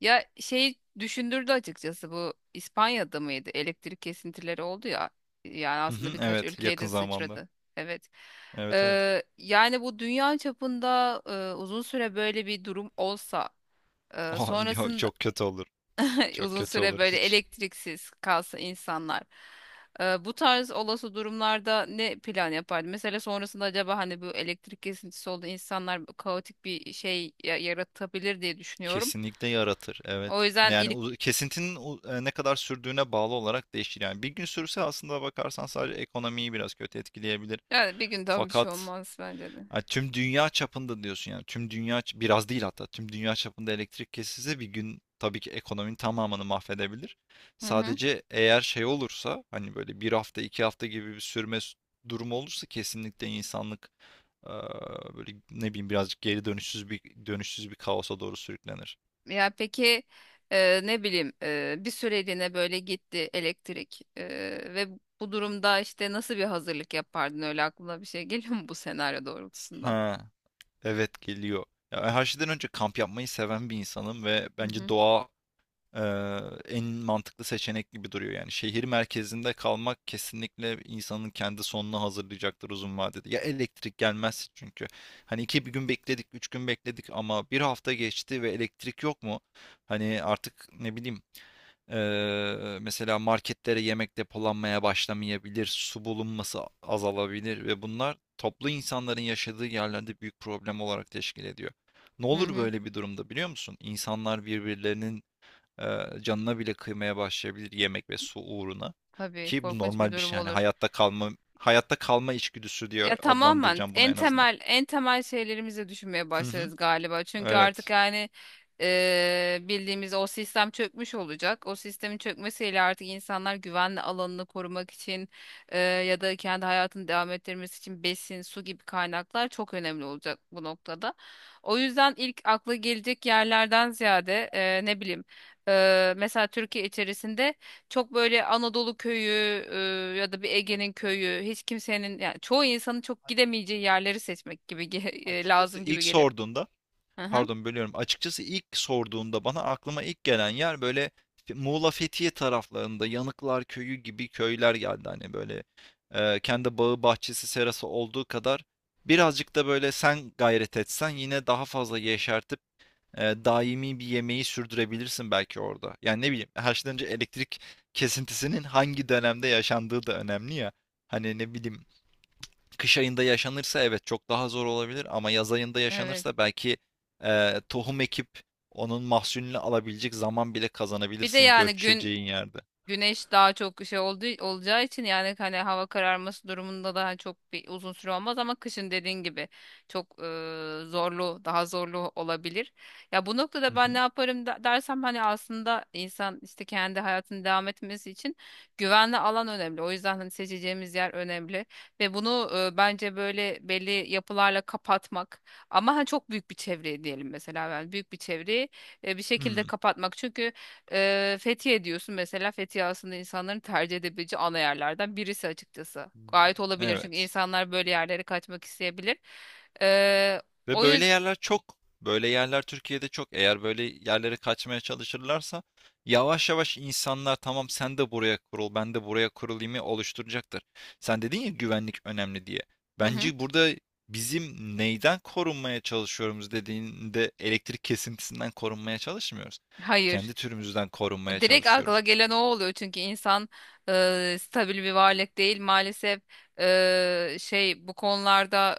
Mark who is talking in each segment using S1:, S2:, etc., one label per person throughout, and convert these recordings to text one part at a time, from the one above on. S1: Ya şeyi düşündürdü açıkçası, bu İspanya'da mıydı? Elektrik kesintileri oldu ya. Yani
S2: Hı
S1: aslında
S2: hı,
S1: birkaç
S2: evet
S1: ülkeye
S2: yakın
S1: de
S2: zamanda.
S1: sıçradı. Evet.
S2: Evet evet.
S1: Yani bu dünya çapında uzun süre böyle bir durum olsa,
S2: Oh, yok
S1: sonrasında
S2: çok kötü olur. Çok
S1: uzun
S2: kötü
S1: süre
S2: olur
S1: böyle
S2: hiç.
S1: elektriksiz kalsa insanlar. Bu tarz olası durumlarda ne plan yapardı? Mesela sonrasında acaba hani bu elektrik kesintisi oldu, insanlar kaotik bir şey yaratabilir diye düşünüyorum.
S2: Kesinlikle yaratır evet.
S1: O yüzden.
S2: Yani kesintinin ne kadar sürdüğüne bağlı olarak değişir. Yani bir gün sürse aslında bakarsan sadece ekonomiyi biraz kötü etkileyebilir.
S1: Yani bir günden bir şey
S2: Fakat
S1: olmaz bence de.
S2: ha, tüm dünya çapında diyorsun yani. Tüm dünya biraz değil hatta. Tüm dünya çapında elektrik kesilse bir gün tabii ki ekonominin tamamını mahvedebilir.
S1: Hı hı.
S2: Sadece eğer şey olursa hani böyle bir hafta 2 hafta gibi bir sürme durumu olursa kesinlikle insanlık eee, böyle ne bileyim birazcık geri dönüşsüz bir kaosa doğru sürüklenir.
S1: Ya peki, ne bileyim, bir süreliğine böyle gitti elektrik, ve bu durumda işte nasıl bir hazırlık yapardın, öyle aklına bir şey geliyor mu bu senaryo doğrultusunda?
S2: Ha, evet geliyor. Ya ben her şeyden önce kamp yapmayı seven bir insanım ve
S1: Hı
S2: bence
S1: hı.
S2: doğa en mantıklı seçenek gibi duruyor yani. Şehir merkezinde kalmak kesinlikle insanın kendi sonunu hazırlayacaktır uzun vadede. Ya elektrik gelmez çünkü. Hani bir gün bekledik, 3 gün bekledik ama bir hafta geçti ve elektrik yok mu? Hani artık ne bileyim mesela marketlere yemek depolanmaya başlamayabilir, su bulunması azalabilir ve bunlar toplu insanların yaşadığı yerlerde büyük problem olarak teşkil ediyor. Ne
S1: Hı
S2: olur
S1: hı.
S2: böyle bir durumda biliyor musun? İnsanlar birbirlerinin e, canına bile kıymaya başlayabilir yemek ve su uğruna.
S1: Tabii,
S2: Ki bu
S1: korkunç bir
S2: normal bir
S1: durum
S2: şey yani
S1: olur.
S2: hayatta kalma içgüdüsü diye
S1: Ya tamamen
S2: adlandıracağım bunu
S1: en
S2: en azından.
S1: temel en temel şeylerimizi düşünmeye
S2: Hı hı.
S1: başlarız galiba. Çünkü artık
S2: Evet.
S1: yani bildiğimiz o sistem çökmüş olacak. O sistemin çökmesiyle artık insanlar güvenli alanını korumak için, ya da kendi hayatını devam ettirmesi için besin, su gibi kaynaklar çok önemli olacak bu noktada. O yüzden ilk akla gelecek yerlerden ziyade, ne bileyim, mesela Türkiye içerisinde çok böyle Anadolu köyü, ya da bir
S2: Değil mi?
S1: Ege'nin
S2: Değil mi?
S1: köyü, hiç kimsenin yani çoğu insanın çok
S2: A-
S1: gidemeyeceği yerleri seçmek gibi
S2: Açıkçası
S1: lazım
S2: ilk
S1: gibi geliyor.
S2: sorduğunda,
S1: Hı hı,
S2: pardon bölüyorum. Açıkçası ilk sorduğunda bana aklıma ilk gelen yer böyle Muğla Fethiye taraflarında Yanıklar Köyü gibi köyler geldi hani böyle kendi bağı bahçesi serası olduğu kadar birazcık da böyle sen gayret etsen yine daha fazla yeşertir, daimi bir yemeği sürdürebilirsin belki orada. Yani ne bileyim haşlanınca elektrik kesintisinin hangi dönemde yaşandığı da önemli ya. Hani ne bileyim kış ayında yaşanırsa evet çok daha zor olabilir ama yaz ayında
S1: evet.
S2: yaşanırsa belki tohum ekip onun mahsulünü alabilecek zaman bile
S1: Bir de
S2: kazanabilirsin
S1: yani
S2: göçeceğin yerde.
S1: güneş daha çok şey olduğu, olacağı için yani hani hava kararması durumunda daha çok bir uzun süre olmaz ama kışın dediğin gibi çok daha zorlu olabilir. Ya bu
S2: Hı
S1: noktada
S2: hı.
S1: ben ne yaparım dersem, hani aslında insan işte kendi hayatını devam etmesi için güvenli alan önemli. O yüzden hani seçeceğimiz yer önemli ve bunu bence böyle belli yapılarla kapatmak, ama ha çok büyük bir çevreyi diyelim mesela, yani büyük bir çevreyi bir şekilde
S2: Hmm.
S1: kapatmak. Çünkü Fethiye diyorsun mesela, Fethiye aslında insanların tercih edebileceği ana yerlerden birisi açıkçası. Gayet olabilir çünkü
S2: Evet.
S1: insanlar böyle yerlere kaçmak isteyebilir. Ee,
S2: Ve
S1: o
S2: böyle yerler çok. Böyle yerler Türkiye'de çok. Eğer böyle yerlere kaçmaya çalışırlarsa yavaş yavaş insanlar tamam sen de buraya kurul, ben de buraya kurulayımı oluşturacaktır. Sen dedin ya güvenlik önemli diye.
S1: yüzden...
S2: Bence burada bizim neyden korunmaya çalışıyoruz dediğinde elektrik kesintisinden korunmaya çalışmıyoruz.
S1: Hayır.
S2: Kendi türümüzden korunmaya
S1: Direkt akla
S2: çalışıyoruz.
S1: gelen o oluyor çünkü insan stabil bir varlık değil maalesef, bu konularda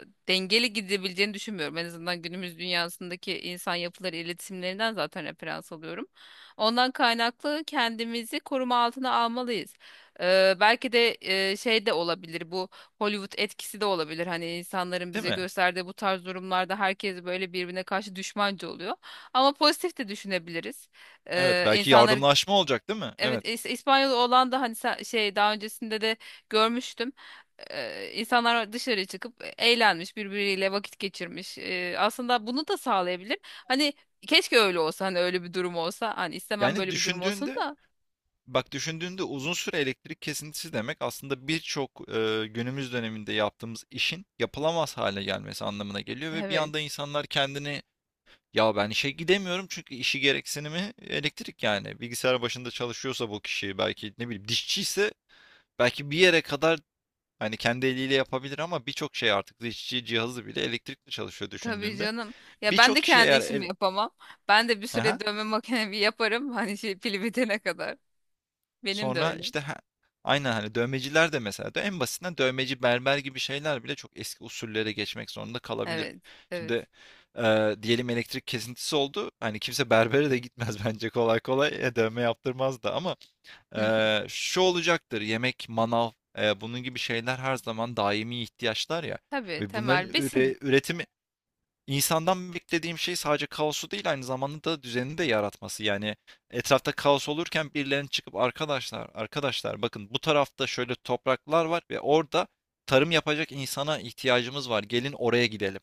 S1: dengeli gidebileceğini düşünmüyorum, en azından günümüz dünyasındaki insan yapıları iletişimlerinden zaten referans alıyorum. Ondan kaynaklı kendimizi koruma altına almalıyız. Belki de de olabilir bu, Hollywood etkisi de olabilir, hani insanların
S2: Değil
S1: bize
S2: mi?
S1: gösterdiği bu tarz durumlarda herkes böyle birbirine karşı düşmanca oluyor, ama pozitif de düşünebiliriz.
S2: Evet, belki
S1: İnsanlar
S2: yardımlaşma olacak, değil mi?
S1: evet
S2: Evet.
S1: İspanyol olan da hani daha öncesinde de görmüştüm. İnsanlar dışarı çıkıp eğlenmiş, birbiriyle vakit geçirmiş. Aslında bunu da sağlayabilir. Hani keşke öyle olsa, hani öyle bir durum olsa. Hani istemem
S2: Yani
S1: böyle bir durum olsun
S2: düşündüğünde
S1: da.
S2: Bak düşündüğünde uzun süre elektrik kesintisi demek aslında birçok günümüz döneminde yaptığımız işin yapılamaz hale gelmesi anlamına geliyor ve bir anda
S1: Evet.
S2: insanlar kendini, ya ben işe gidemiyorum çünkü işi gereksinimi elektrik yani bilgisayar başında çalışıyorsa bu kişi, belki ne bileyim dişçi ise belki bir yere kadar hani kendi eliyle yapabilir ama birçok şey artık dişçi cihazı bile elektrikle çalışıyor
S1: Tabii
S2: düşündüğünde.
S1: canım. Ya ben de
S2: Birçok kişi
S1: kendi
S2: eğer
S1: işimi
S2: el...
S1: yapamam. Ben de bir süre dövme makinemi yaparım. Hani şey, pili bitene kadar. Benim de
S2: Sonra
S1: öyle.
S2: işte he aynen, hani, dövmeciler de mesela de en basitinden dövmeci, berber gibi şeyler bile çok eski usullere geçmek zorunda kalabilir.
S1: Evet.
S2: Şimdi,
S1: Evet.
S2: diyelim elektrik kesintisi oldu. Hani, kimse berbere de gitmez bence kolay kolay. E, dövme yaptırmaz da ama, şu olacaktır: yemek, manav, bunun gibi şeyler her zaman daimi ihtiyaçlar ya,
S1: Tabii,
S2: ve bunların
S1: temel besin.
S2: üretimi. İnsandan beklediğim şey sadece kaosu değil aynı zamanda da düzeni de yaratması. Yani etrafta kaos olurken birilerinin çıkıp, arkadaşlar arkadaşlar bakın bu tarafta şöyle topraklar var ve orada tarım yapacak insana ihtiyacımız var. Gelin oraya gidelim.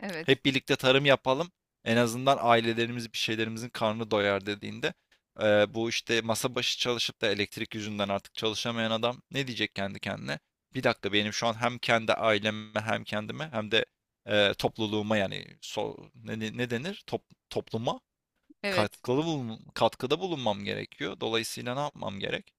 S1: Evet.
S2: Hep birlikte tarım yapalım. En azından ailelerimiz bir şeylerimizin karnı doyar dediğinde, bu işte masa başı çalışıp da elektrik yüzünden artık çalışamayan adam ne diyecek kendi kendine? Bir dakika, benim şu an hem kendi aileme hem kendime hem de topluluğuma, yani ne denir? Topluma
S1: Evet.
S2: katkıda bulunmam gerekiyor. Dolayısıyla ne yapmam gerek?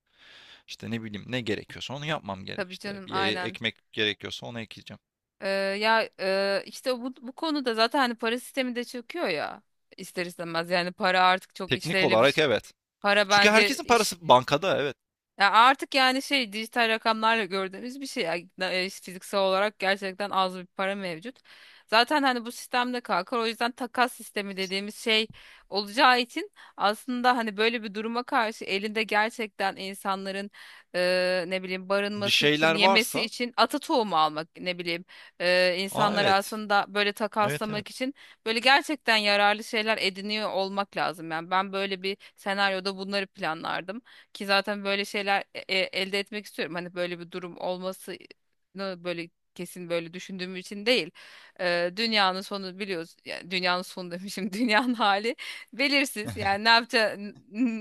S2: İşte ne bileyim ne gerekiyorsa onu yapmam gerek
S1: Tabii
S2: işte.
S1: canım,
S2: Bir yere
S1: aynen.
S2: ekmek gerekiyorsa onu ekeceğim.
S1: Ya işte bu konuda zaten hani para sistemi de çöküyor ya, ister istemez yani para artık çok
S2: Teknik
S1: işlevli bir
S2: olarak
S1: şey.
S2: evet.
S1: Para
S2: Çünkü
S1: bence.
S2: herkesin parası bankada, evet.
S1: Ya artık yani şey, dijital rakamlarla gördüğümüz bir şey. Yani, işte fiziksel olarak gerçekten az bir para mevcut. Zaten hani bu sistemde kalkar. O yüzden takas sistemi dediğimiz şey olacağı için, aslında hani böyle bir duruma karşı elinde gerçekten insanların ne bileyim,
S2: Bir
S1: barınması için,
S2: şeyler
S1: yemesi
S2: varsa.
S1: için ata tohumu almak, ne bileyim,
S2: Aa
S1: insanları
S2: evet.
S1: aslında böyle
S2: Evet
S1: takaslamak
S2: evet.
S1: için böyle gerçekten yararlı şeyler ediniyor olmak lazım. Yani ben böyle bir senaryoda bunları planlardım. Ki zaten böyle şeyler elde etmek istiyorum. Hani böyle bir durum olmasını böyle kesin böyle düşündüğüm için değil. Dünyanın sonu, biliyoruz. Yani dünyanın sonu demişim. Dünyanın hali belirsiz. Yani ne yapacağı,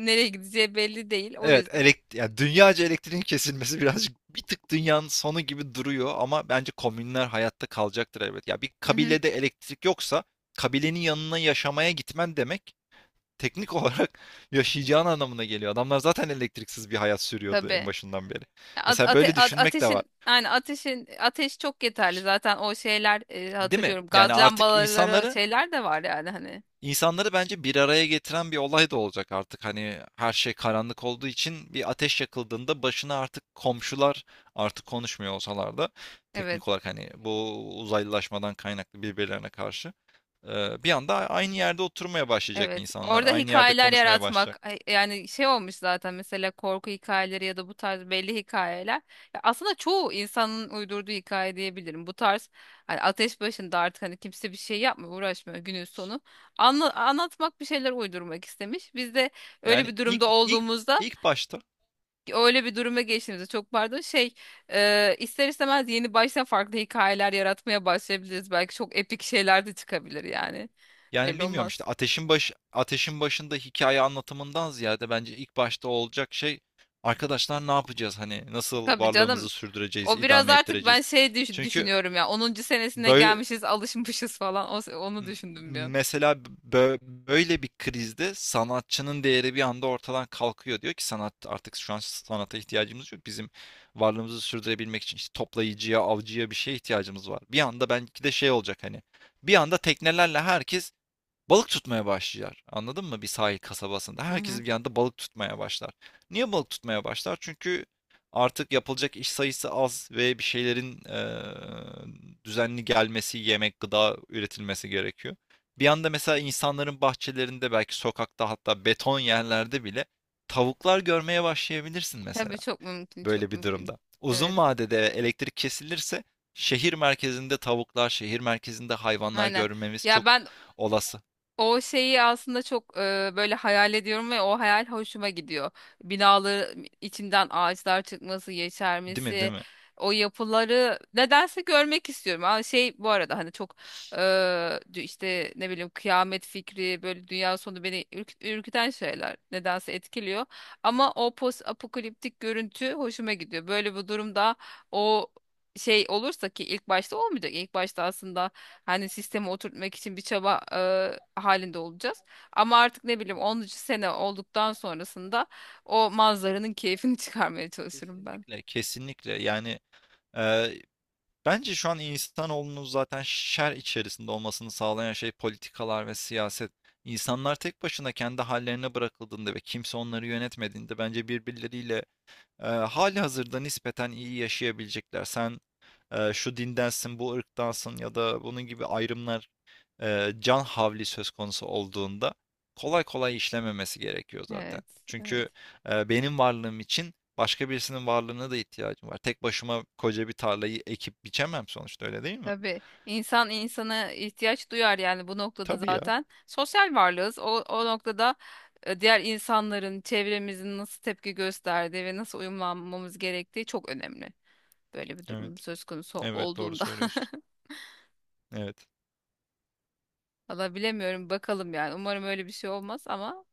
S1: nereye gideceği belli değil. O
S2: Evet,
S1: yüzden.
S2: ya dünyaca elektriğin kesilmesi birazcık bir tık dünyanın sonu gibi duruyor ama bence komünler hayatta kalacaktır elbet. Ya bir
S1: Hı hı.
S2: kabilede elektrik yoksa kabilenin yanına yaşamaya gitmen demek teknik olarak yaşayacağın anlamına geliyor. Adamlar zaten elektriksiz bir hayat sürüyordu en
S1: Tabii.
S2: başından beri.
S1: Ya
S2: Mesela böyle düşünmek de var.
S1: ateşin, ateş çok yeterli. Zaten o şeyler,
S2: Değil mi?
S1: hatırlıyorum.
S2: Yani
S1: Gaz
S2: artık
S1: lambaları,
S2: insanları
S1: şeyler de var yani hani.
S2: İnsanları bence bir araya getiren bir olay da olacak artık. Hani her şey karanlık olduğu için bir ateş yakıldığında başına artık komşular, artık konuşmuyor olsalar da teknik
S1: Evet.
S2: olarak hani bu uzaylılaşmadan kaynaklı birbirlerine karşı, bir anda aynı yerde oturmaya başlayacak
S1: Evet,
S2: insanlar,
S1: orada
S2: aynı yerde
S1: hikayeler
S2: konuşmaya başlayacak.
S1: yaratmak yani şey, olmuş zaten mesela, korku hikayeleri ya da bu tarz belli hikayeler. Ya aslında çoğu insanın uydurduğu hikaye diyebilirim. Bu tarz hani ateş başında artık, hani kimse bir şey yapmıyor, uğraşmıyor günün sonu. Anlatmak, bir şeyler uydurmak istemiş. Biz de öyle
S2: Yani
S1: bir
S2: ilk
S1: durumda
S2: ilk
S1: olduğumuzda,
S2: ilk başta.
S1: öyle bir duruma geçtiğimizde, çok pardon şey, ister istemez yeni baştan farklı hikayeler yaratmaya başlayabiliriz. Belki çok epik şeyler de çıkabilir yani.
S2: Yani
S1: Belli
S2: bilmiyorum işte
S1: olmaz.
S2: ateşin başında hikaye anlatımından ziyade bence ilk başta olacak şey, arkadaşlar ne yapacağız hani nasıl
S1: Tabii canım.
S2: varlığımızı sürdüreceğiz,
S1: O biraz
S2: idame
S1: artık ben
S2: ettireceğiz.
S1: şey
S2: Çünkü
S1: düşünüyorum ya, 10. senesine
S2: böyle,
S1: gelmişiz, alışmışız falan. Onu düşündüm bir an.
S2: mesela böyle bir krizde sanatçının değeri bir anda ortadan kalkıyor. Diyor ki sanat, artık şu an sanata ihtiyacımız yok. Bizim varlığımızı sürdürebilmek için işte toplayıcıya, avcıya, bir şeye ihtiyacımız var. Bir anda belki de şey olacak hani. Bir anda teknelerle herkes balık tutmaya başlar. Anladın mı? Bir sahil kasabasında.
S1: Hı
S2: Herkes
S1: hı.
S2: bir anda balık tutmaya başlar. Niye balık tutmaya başlar? Çünkü artık yapılacak iş sayısı az ve bir şeylerin düzenli gelmesi, yemek, gıda üretilmesi gerekiyor. Bir anda mesela insanların bahçelerinde, belki sokakta, hatta beton yerlerde bile tavuklar görmeye başlayabilirsin mesela
S1: Tabii çok mümkün,
S2: böyle
S1: çok
S2: bir
S1: mümkün.
S2: durumda. Uzun
S1: Evet.
S2: vadede elektrik kesilirse şehir merkezinde tavuklar, şehir merkezinde hayvanlar
S1: Aynen.
S2: görmemiz
S1: Ya
S2: çok
S1: ben,
S2: olası.
S1: o şeyi aslında çok böyle hayal ediyorum ve o hayal hoşuma gidiyor. Binaların içinden ağaçlar çıkması,
S2: Değil mi, değil
S1: yeşermesi,
S2: mi?
S1: o yapıları nedense görmek istiyorum. Ama şey, bu arada hani çok e, işte ne bileyim kıyamet fikri, böyle dünya sonu beni ürküten şeyler nedense etkiliyor. Ama o post apokaliptik görüntü hoşuma gidiyor. Böyle bu durumda o şey olursa, ki ilk başta olmayacak. İlk başta aslında hani sistemi oturtmak için bir çaba halinde olacağız. Ama artık ne
S2: Hı
S1: bileyim
S2: hı.
S1: 10. sene olduktan sonrasında o manzaranın keyfini çıkarmaya çalışırım ben.
S2: Kesinlikle, kesinlikle. Yani, e, bence şu an insanoğlunun zaten şer içerisinde olmasını sağlayan şey politikalar ve siyaset. İnsanlar tek başına kendi hallerine bırakıldığında ve kimse onları yönetmediğinde bence birbirleriyle, hali hazırda nispeten iyi yaşayabilecekler. Sen şu dindensin, bu ırktansın ya da bunun gibi ayrımlar, can havli söz konusu olduğunda kolay kolay işlememesi gerekiyor zaten.
S1: Evet, evet.
S2: Çünkü benim varlığım için başka birisinin varlığına da ihtiyacım var. Tek başıma koca bir tarlayı ekip biçemem sonuçta, öyle değil mi?
S1: Tabii insan insana ihtiyaç duyar yani, bu noktada
S2: Tabii ya.
S1: zaten sosyal varlığız. O noktada diğer insanların, çevremizin nasıl tepki gösterdiği ve nasıl uyumlanmamız gerektiği çok önemli. Böyle bir durum
S2: Evet.
S1: söz konusu
S2: Evet, doğru
S1: olduğunda.
S2: söylüyorsun. Evet.
S1: Valla bilemiyorum, bakalım yani. Umarım öyle bir şey olmaz ama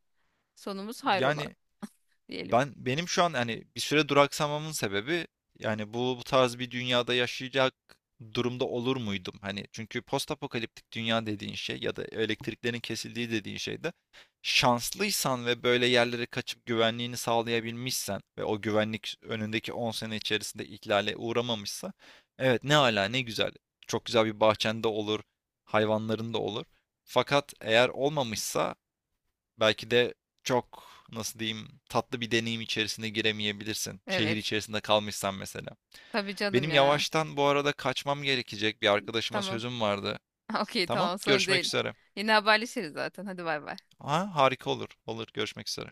S1: sonumuz hayrola
S2: Yani
S1: diyelim.
S2: Benim şu an, hani bir süre duraksamamın sebebi, yani bu tarz bir dünyada yaşayacak durumda olur muydum? Hani çünkü postapokaliptik dünya dediğin şey ya da elektriklerin kesildiği dediğin şeyde, şanslıysan ve böyle yerlere kaçıp güvenliğini sağlayabilmişsen ve o güvenlik önündeki 10 sene içerisinde ihlale uğramamışsa, evet ne ala ne güzel. Çok güzel bir bahçende olur, hayvanların da olur. Fakat eğer olmamışsa, belki de çok, nasıl diyeyim, tatlı bir deneyim içerisine giremeyebilirsin. Şehir
S1: Evet.
S2: içerisinde kalmışsan mesela.
S1: Tabii canım
S2: Benim
S1: ya.
S2: yavaştan bu arada kaçmam gerekecek. Bir arkadaşıma
S1: Tamam.
S2: sözüm vardı.
S1: Okey,
S2: Tamam,
S1: tamam, sorun
S2: görüşmek
S1: değil.
S2: üzere.
S1: Yine haberleşiriz zaten. Hadi bay bay.
S2: Ha, harika olur. Olur, görüşmek üzere.